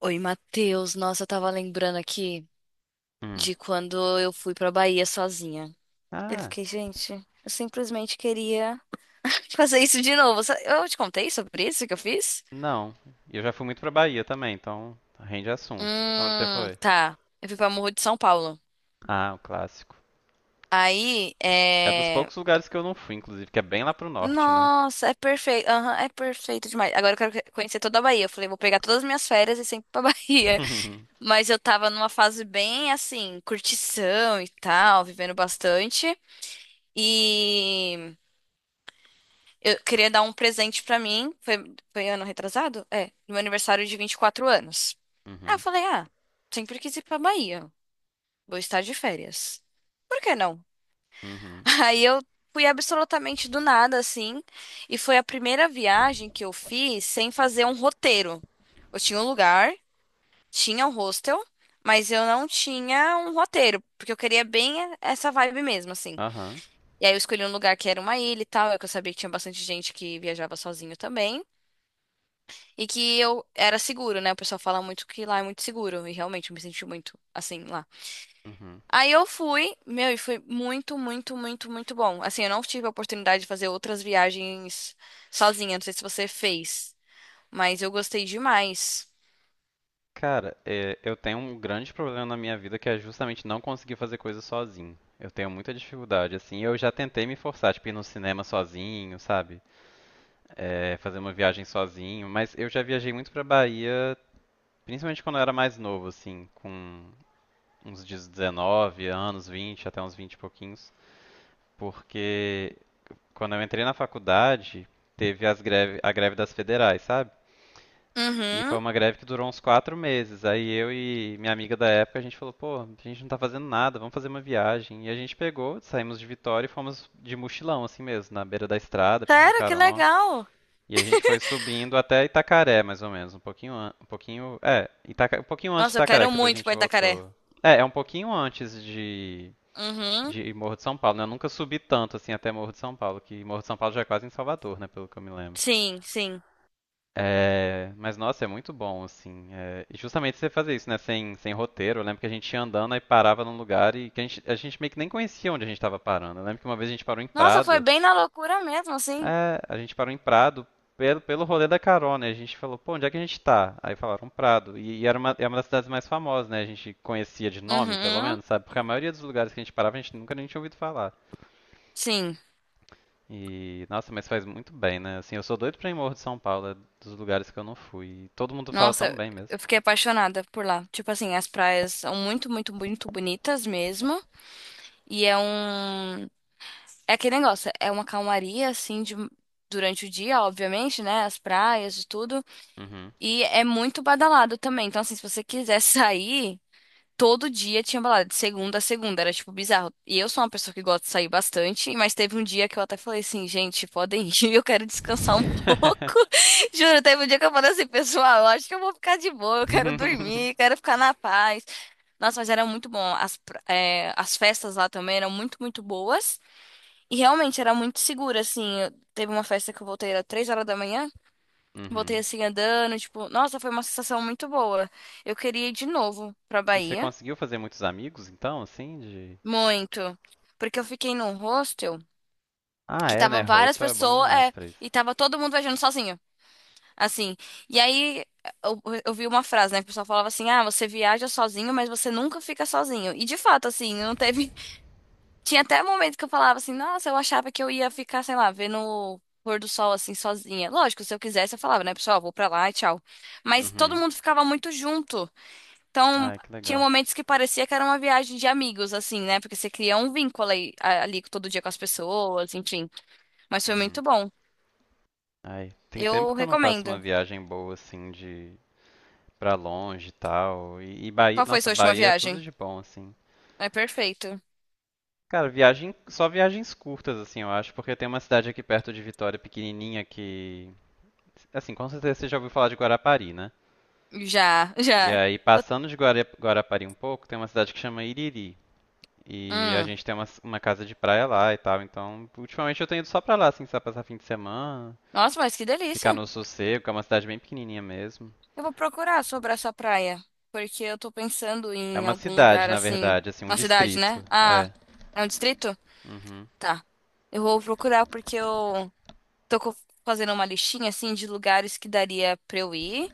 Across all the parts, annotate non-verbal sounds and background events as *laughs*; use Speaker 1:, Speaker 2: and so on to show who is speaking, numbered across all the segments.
Speaker 1: Oi, Matheus. Nossa, eu tava lembrando aqui
Speaker 2: Hum.
Speaker 1: de quando eu fui pra Bahia sozinha. Eu
Speaker 2: Ah,
Speaker 1: fiquei, gente, eu simplesmente queria fazer isso de novo. Eu te contei sobre isso que eu fiz?
Speaker 2: não. Eu já fui muito pra Bahia também, então rende assunto. Onde você foi?
Speaker 1: Tá. Eu fui pra Morro de São Paulo.
Speaker 2: Ah, o clássico.
Speaker 1: Aí,
Speaker 2: É dos
Speaker 1: é.
Speaker 2: poucos lugares que eu não fui, inclusive, que é bem lá pro norte, né?
Speaker 1: Nossa, é perfeito. Aham, é perfeito demais. Agora eu quero conhecer toda a Bahia. Eu falei, vou pegar todas as minhas férias e sempre pra *laughs* Bahia.
Speaker 2: *laughs*
Speaker 1: Mas eu tava numa fase bem assim, curtição e tal, vivendo bastante. E. Eu queria dar um presente pra mim. Foi ano retrasado? É, no meu aniversário de 24 anos. Aí eu
Speaker 2: Uhum,
Speaker 1: falei, ah, sempre quis ir pra Bahia. Vou estar de férias. Por que não?
Speaker 2: uhum,
Speaker 1: *laughs* Aí eu fui absolutamente do nada, assim. E foi a primeira viagem que eu fiz sem fazer um roteiro. Eu tinha um lugar, tinha um hostel, mas eu não tinha um roteiro, porque eu queria bem essa vibe mesmo, assim.
Speaker 2: aham,
Speaker 1: E aí eu escolhi um lugar que era uma ilha e tal, é que eu sabia que tinha bastante gente que viajava sozinho também. E que eu era seguro, né? O pessoal fala muito que lá é muito seguro. E realmente eu me senti muito assim lá.
Speaker 2: uhum.
Speaker 1: Aí eu fui, meu, e foi muito, muito, muito, muito bom. Assim, eu não tive a oportunidade de fazer outras viagens sozinha. Não sei se você fez, mas eu gostei demais.
Speaker 2: Cara, é, eu tenho um grande problema na minha vida que é justamente não conseguir fazer coisas sozinho. Eu tenho muita dificuldade, assim. Eu já tentei me forçar, tipo, ir no cinema sozinho, sabe? É, fazer uma viagem sozinho, mas eu já viajei muito pra Bahia, principalmente quando eu era mais novo, assim, com uns 19 anos, 20 até uns 20 e pouquinhos, porque quando eu entrei na faculdade, teve as greve, a greve das federais, sabe? E foi
Speaker 1: Uhum.
Speaker 2: uma greve que durou uns 4 meses. Aí eu e minha amiga da época, a gente falou, pô, a gente não tá fazendo nada, vamos fazer uma viagem. E a gente pegou, saímos de Vitória e fomos de mochilão, assim mesmo, na beira da estrada, pedindo
Speaker 1: Sério, que
Speaker 2: carona.
Speaker 1: legal.
Speaker 2: E a gente foi subindo até Itacaré, mais ou menos, um pouquinho, um pouquinho, um pouquinho antes de
Speaker 1: Nossa, eu
Speaker 2: Itacaré,
Speaker 1: quero
Speaker 2: que depois a
Speaker 1: muito ir
Speaker 2: gente
Speaker 1: pra Itacaré.
Speaker 2: voltou. É, é um pouquinho antes de
Speaker 1: Uhum.
Speaker 2: de Morro de São Paulo, né? Eu nunca subi tanto assim até Morro de São Paulo, que Morro de São Paulo já é quase em Salvador, né? Pelo que eu me lembro.
Speaker 1: Sim, sim.
Speaker 2: É, mas nossa, é muito bom, assim. É, e justamente você fazer isso, né? Sem roteiro. Eu lembro que a gente ia andando e parava num lugar e que a gente meio que nem conhecia onde a gente estava parando. Eu lembro que uma vez a gente parou em
Speaker 1: Nossa, foi
Speaker 2: Prado.
Speaker 1: bem na loucura mesmo, assim.
Speaker 2: É, a gente parou em Prado pelo rolê da carona. E a gente falou, pô, onde é que a gente tá? Aí falaram Prado. E era uma, é uma das cidades mais famosas, né? A gente conhecia de nome, pelo
Speaker 1: Uhum.
Speaker 2: menos, sabe? Porque a maioria dos lugares que a gente parava, a gente nunca nem tinha ouvido falar.
Speaker 1: Sim.
Speaker 2: E, nossa, mas faz muito bem, né? Assim, eu sou doido pra ir Morro de São Paulo, é dos lugares que eu não fui. E todo mundo fala tão
Speaker 1: Nossa,
Speaker 2: bem mesmo.
Speaker 1: eu fiquei apaixonada por lá. Tipo assim, as praias são muito, muito, muito bonitas mesmo. E é um. É aquele negócio, é uma calmaria, assim, de durante o dia, obviamente, né? As praias e tudo.
Speaker 2: Uhum.
Speaker 1: E é muito badalado também. Então, assim, se você quiser *laughs* sair. Todo dia tinha balada, de segunda a segunda, era tipo bizarro. E eu sou uma pessoa que gosta de sair bastante, mas teve um dia que eu até falei assim, gente, podem ir, *laughs* eu quero descansar um
Speaker 2: *laughs*
Speaker 1: pouco. *laughs* Juro, teve um dia que eu falei assim, pessoal, eu acho que eu vou ficar de boa, eu quero dormir, quero ficar na paz. Nossa, mas era muito bom. As festas lá também eram muito, muito boas. E realmente era muito segura, assim. Teve uma festa que eu voltei, era 3 horas da manhã, voltei
Speaker 2: Uhum.
Speaker 1: assim andando, tipo, nossa, foi uma sensação muito boa. Eu queria ir de novo pra
Speaker 2: E você
Speaker 1: Bahia.
Speaker 2: conseguiu fazer muitos amigos, então, assim, de...
Speaker 1: Muito. Porque eu fiquei num hostel
Speaker 2: Ah,
Speaker 1: que
Speaker 2: é, né?
Speaker 1: tava várias
Speaker 2: Hostel é bom
Speaker 1: pessoas,
Speaker 2: demais
Speaker 1: é,
Speaker 2: pra isso.
Speaker 1: e tava todo mundo viajando sozinho. Assim. E aí eu vi uma frase, né? Que o pessoal falava assim: ah, você viaja sozinho, mas você nunca fica sozinho. E de fato, assim, não teve. *laughs* Tinha até momento que eu falava assim, nossa, eu achava que eu ia ficar, sei lá, vendo o pôr do sol assim, sozinha. Lógico, se eu quisesse, eu falava, né, pessoal, vou pra lá e tchau. Mas todo
Speaker 2: Uhum.
Speaker 1: mundo ficava muito junto. Então,
Speaker 2: Ai, que
Speaker 1: tinha
Speaker 2: legal.
Speaker 1: momentos que parecia que era uma viagem de amigos, assim, né? Porque você cria um vínculo ali todo dia com as pessoas, enfim. Mas foi
Speaker 2: Uhum.
Speaker 1: muito bom.
Speaker 2: Ai, tem tempo
Speaker 1: Eu
Speaker 2: que eu não faço uma
Speaker 1: recomendo.
Speaker 2: viagem boa, assim, de... pra longe e tal. E Bahia...
Speaker 1: Qual foi
Speaker 2: Nossa,
Speaker 1: sua última
Speaker 2: Bahia é tudo
Speaker 1: viagem?
Speaker 2: de bom, assim.
Speaker 1: É perfeito.
Speaker 2: Cara, viagem, só viagens curtas, assim, eu acho, porque tem uma cidade aqui perto de Vitória, pequenininha, que, assim, com certeza você já ouviu falar de Guarapari, né?
Speaker 1: Já, *laughs*
Speaker 2: E
Speaker 1: já.
Speaker 2: aí,
Speaker 1: Eu-
Speaker 2: passando de Guarapari um pouco, tem uma cidade que chama Iriri. E a
Speaker 1: Hum.
Speaker 2: gente tem uma casa de praia lá e tal, então, ultimamente eu tenho ido só pra lá, assim, só passar fim de semana,
Speaker 1: Nossa, mas que
Speaker 2: ficar
Speaker 1: delícia.
Speaker 2: no sossego, que é uma cidade bem pequenininha mesmo.
Speaker 1: Eu vou procurar sobre essa praia, porque eu tô pensando
Speaker 2: É
Speaker 1: em
Speaker 2: uma
Speaker 1: algum
Speaker 2: cidade,
Speaker 1: lugar
Speaker 2: na
Speaker 1: assim,
Speaker 2: verdade, assim, um
Speaker 1: na cidade, né?
Speaker 2: distrito,
Speaker 1: Ah,
Speaker 2: é.
Speaker 1: é um distrito?
Speaker 2: Uhum,
Speaker 1: Tá. Eu vou procurar porque eu tô co- fazendo uma listinha assim de lugares que daria pra eu ir.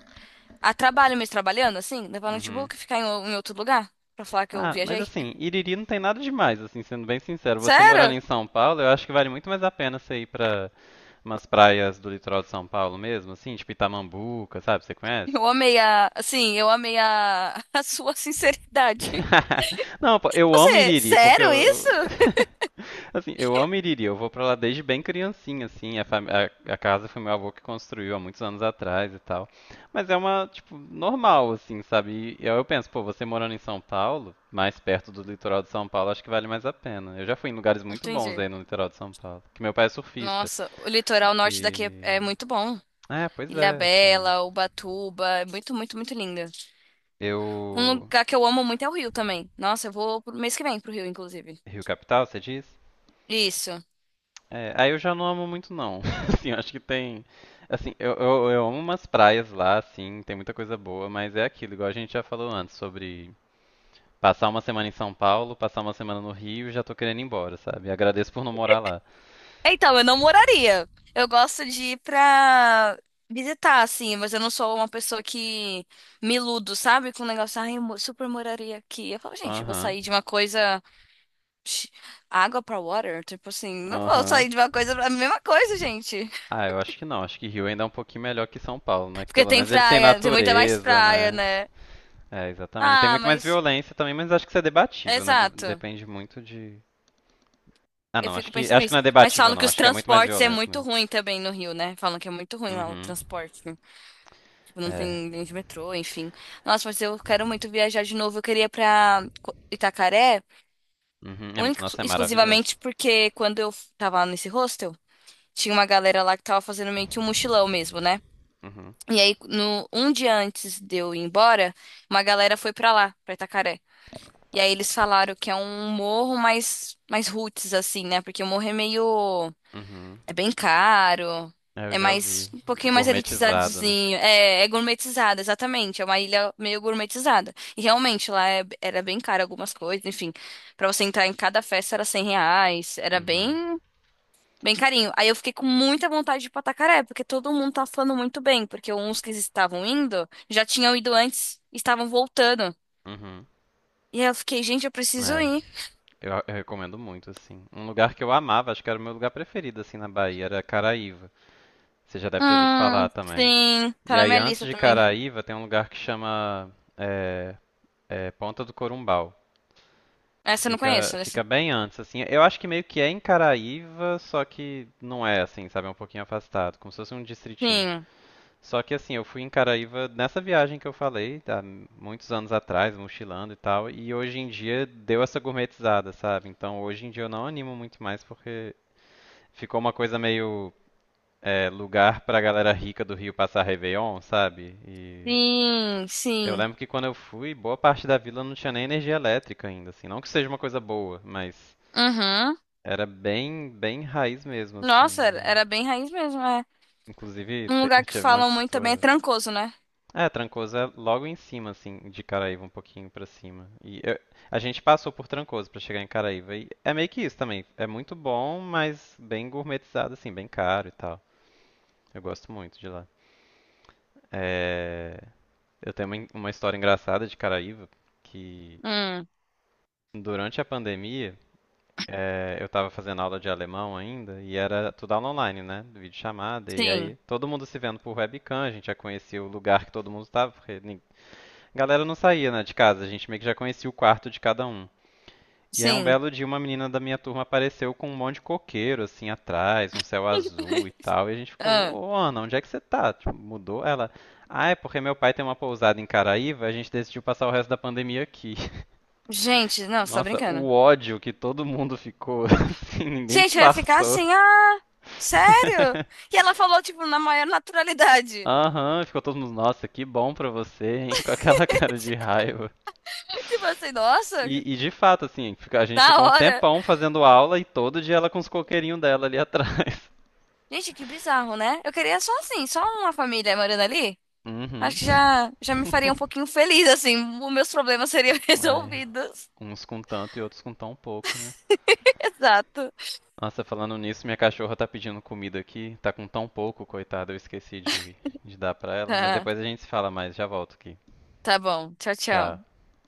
Speaker 1: A trabalho mesmo, trabalhando, assim, levar
Speaker 2: uhum.
Speaker 1: notebook e ficar em, em outro lugar pra falar que eu
Speaker 2: Ah, mas
Speaker 1: viajei?
Speaker 2: assim, Iriri não tem nada demais, assim, sendo bem sincero. Você morando
Speaker 1: Sério?
Speaker 2: em São Paulo, eu acho que vale muito mais a pena você ir pra umas praias do litoral de São Paulo mesmo, assim, tipo Itamambuca, sabe? Você conhece?
Speaker 1: Eu amei a, assim, eu amei a, *laughs* a sua sinceridade. *laughs*
Speaker 2: *laughs* Não, pô, eu amo
Speaker 1: Você,
Speaker 2: Iriri, porque
Speaker 1: sério
Speaker 2: eu...
Speaker 1: isso?
Speaker 2: *laughs* Assim, eu amo Iriri, eu vou pra lá desde bem criancinha, assim. A casa foi meu avô que construiu há muitos anos atrás e tal. Mas é uma, tipo, normal, assim, sabe? E aí eu penso, pô, você morando em São Paulo, mais perto do litoral de São Paulo, acho que vale mais a pena. Eu já fui em lugares muito bons
Speaker 1: Entendi.
Speaker 2: aí no litoral de São Paulo, que meu pai é surfista.
Speaker 1: Nossa, o litoral norte daqui é,
Speaker 2: E.
Speaker 1: é muito bom.
Speaker 2: É, pois é, assim.
Speaker 1: Ilhabela, Ubatuba, é muito, muito, muito linda. Um
Speaker 2: Eu.
Speaker 1: lugar que eu amo muito é o Rio também. Nossa, eu vou pro mês que vem pro Rio, inclusive.
Speaker 2: Rio Capital, você diz?
Speaker 1: Isso.
Speaker 2: É, aí eu já não amo muito não. *laughs* Assim, eu acho que tem, assim, eu amo umas praias lá, assim, tem muita coisa boa, mas é aquilo, igual a gente já falou antes, sobre passar uma semana em São Paulo, passar uma semana no Rio, e já tô querendo ir embora, sabe? Agradeço por não morar lá.
Speaker 1: Então, eu não moraria. Eu gosto de ir pra visitar, assim, mas eu não sou uma pessoa que me iludo, sabe? Com o negócio, ai, eu super moraria aqui. Eu falo, gente, eu vou
Speaker 2: Aham,
Speaker 1: sair de uma coisa. Sh- Água pra water? Tipo assim, não vou
Speaker 2: aham.
Speaker 1: sair de uma coisa pra a mesma coisa, gente.
Speaker 2: Ah, eu acho que não, acho que Rio ainda é um pouquinho melhor que São Paulo, né? Que
Speaker 1: Porque
Speaker 2: pelo
Speaker 1: tem
Speaker 2: menos eles têm
Speaker 1: praia, tem muita mais
Speaker 2: natureza,
Speaker 1: praia,
Speaker 2: né?
Speaker 1: né?
Speaker 2: É, exatamente. Tem
Speaker 1: Ah,
Speaker 2: muito mais
Speaker 1: mas.
Speaker 2: violência também, mas acho que isso é debatível, né?
Speaker 1: Exato.
Speaker 2: Depende muito de... Ah,
Speaker 1: Eu
Speaker 2: não,
Speaker 1: fico pensando
Speaker 2: acho que
Speaker 1: nisso.
Speaker 2: não é
Speaker 1: Mas
Speaker 2: debatível,
Speaker 1: falam que
Speaker 2: não.
Speaker 1: os
Speaker 2: Acho que é muito mais
Speaker 1: transportes é
Speaker 2: violento
Speaker 1: muito
Speaker 2: mesmo.
Speaker 1: ruim também no Rio, né? Falam que é muito ruim lá o
Speaker 2: Uhum.
Speaker 1: transporte. Tipo, não
Speaker 2: É.
Speaker 1: tem linha de metrô, enfim. Nossa, mas eu quero muito viajar de novo. Eu queria ir pra Itacaré,
Speaker 2: Uhum. É-
Speaker 1: única,
Speaker 2: Nossa, é
Speaker 1: e exclusivamente
Speaker 2: maravilhoso.
Speaker 1: porque quando eu tava nesse hostel, tinha uma galera lá que tava fazendo meio que um mochilão mesmo, né?
Speaker 2: Uhum.
Speaker 1: E aí, no, um dia antes de eu ir embora, uma galera foi pra lá, pra Itacaré. E aí eles falaram que é um morro mais, mais roots, assim, né? Porque o morro é meio.
Speaker 2: Uhum.
Speaker 1: É bem caro.
Speaker 2: É, eu
Speaker 1: É
Speaker 2: já
Speaker 1: mais
Speaker 2: ouvi.
Speaker 1: um pouquinho mais
Speaker 2: Gourmetizado, né?
Speaker 1: elitizadozinho. É, é gourmetizada, exatamente. É uma ilha meio gourmetizada. E realmente lá era bem caro algumas coisas, enfim. Pra você entrar em cada festa era R$ 100. Era
Speaker 2: Uhum.
Speaker 1: bem, bem carinho. Aí eu fiquei com muita vontade de ir pra Tacaré, porque todo mundo tá falando muito bem, porque uns que estavam indo já tinham ido antes, e estavam voltando.
Speaker 2: Uhum.
Speaker 1: E aí eu fiquei, gente, eu preciso
Speaker 2: É.
Speaker 1: ir.
Speaker 2: Eu recomendo muito, assim. Um lugar que eu amava, acho que era o meu lugar preferido, assim, na Bahia, era Caraíva. Você já deve ter ouvido falar também.
Speaker 1: Sim, tá
Speaker 2: E
Speaker 1: na
Speaker 2: aí,
Speaker 1: minha
Speaker 2: antes
Speaker 1: lista
Speaker 2: de
Speaker 1: também.
Speaker 2: Caraíva, tem um lugar que chama é, é, Ponta do Corumbau, que
Speaker 1: Essa eu não conheço,
Speaker 2: fica
Speaker 1: essa.
Speaker 2: bem antes, assim. Eu acho que meio que é em Caraíva, só que não é, assim, sabe? É um pouquinho afastado, como se fosse um distritinho.
Speaker 1: Sim.
Speaker 2: Só que assim, eu fui em Caraíva nessa viagem que eu falei, há muitos anos atrás, mochilando e tal, e hoje em dia deu essa gourmetizada, sabe? Então hoje em dia eu não animo muito mais porque ficou uma coisa meio é, lugar pra galera rica do Rio passar Réveillon, sabe? E
Speaker 1: Sim,
Speaker 2: eu
Speaker 1: sim.
Speaker 2: lembro que quando eu fui, boa parte da vila não tinha nem energia elétrica ainda, assim. Não que seja uma coisa boa, mas
Speaker 1: Uhum.
Speaker 2: era bem raiz mesmo,
Speaker 1: Nossa, era
Speaker 2: assim.
Speaker 1: era bem raiz mesmo, é.
Speaker 2: E, inclusive,
Speaker 1: Um
Speaker 2: *laughs*
Speaker 1: lugar que
Speaker 2: tive uma
Speaker 1: falam muito também é
Speaker 2: situação.
Speaker 1: Trancoso, né?
Speaker 2: É, Trancoso é logo em cima, assim, de Caraíva, um pouquinho pra cima. A gente passou por Trancoso pra chegar em Caraíva. E é meio que isso também. É muito bom, mas bem gourmetizado, assim, bem caro e tal. Eu gosto muito de lá. É, eu tenho uma, uma história engraçada de Caraíva, que
Speaker 1: Hum,
Speaker 2: durante a pandemia, eu tava fazendo aula de alemão ainda, e era tudo aula online, né? Videochamada, e
Speaker 1: sim,
Speaker 2: aí todo mundo se vendo por webcam, a gente já conhecia o lugar que todo mundo tava, porque galera não saía, né, de casa, a gente meio que já conhecia o quarto de cada um. E aí um
Speaker 1: sim.
Speaker 2: belo dia uma menina da minha turma apareceu com um monte de coqueiro assim atrás, um céu azul e
Speaker 1: *laughs*
Speaker 2: tal, e a gente ficou,
Speaker 1: Ah,
Speaker 2: ô Ana, onde é que você tá? Tipo, mudou ela. Ah, é porque meu pai tem uma pousada em Caraíva, a gente decidiu passar o resto da pandemia aqui. *laughs*
Speaker 1: gente, não, só
Speaker 2: Nossa,
Speaker 1: brincando.
Speaker 2: o ódio que todo mundo ficou, *laughs* assim, ninguém
Speaker 1: Gente, eu ia ficar
Speaker 2: disfarçou.
Speaker 1: assim, ah, sério?
Speaker 2: *laughs*
Speaker 1: E ela falou, tipo, na maior naturalidade.
Speaker 2: Aham, ficou todo mundo, nossa, que bom pra você, hein? Com aquela *laughs* cara de raiva.
Speaker 1: *laughs* Tipo assim, nossa, que
Speaker 2: E de fato, assim, a gente
Speaker 1: da
Speaker 2: ficou um
Speaker 1: hora.
Speaker 2: tempão fazendo aula e todo dia ela com os coqueirinhos dela ali atrás. *laughs*
Speaker 1: Gente, que bizarro, né? Eu queria só assim, só uma família morando ali.
Speaker 2: Uhum.
Speaker 1: Acho que já me faria
Speaker 2: *laughs*
Speaker 1: um pouquinho feliz, assim. Os meus problemas seriam *laughs*
Speaker 2: Ai,
Speaker 1: resolvidos.
Speaker 2: uns com tanto e outros com tão pouco, né?
Speaker 1: Exato.
Speaker 2: Nossa, falando nisso, minha cachorra tá pedindo comida aqui. Tá com tão pouco, coitada, eu esqueci de dar pra ela. Mas depois a
Speaker 1: *laughs*
Speaker 2: gente se fala mais, já volto aqui.
Speaker 1: Tá bom. Tchau,
Speaker 2: Tchau.
Speaker 1: tchau.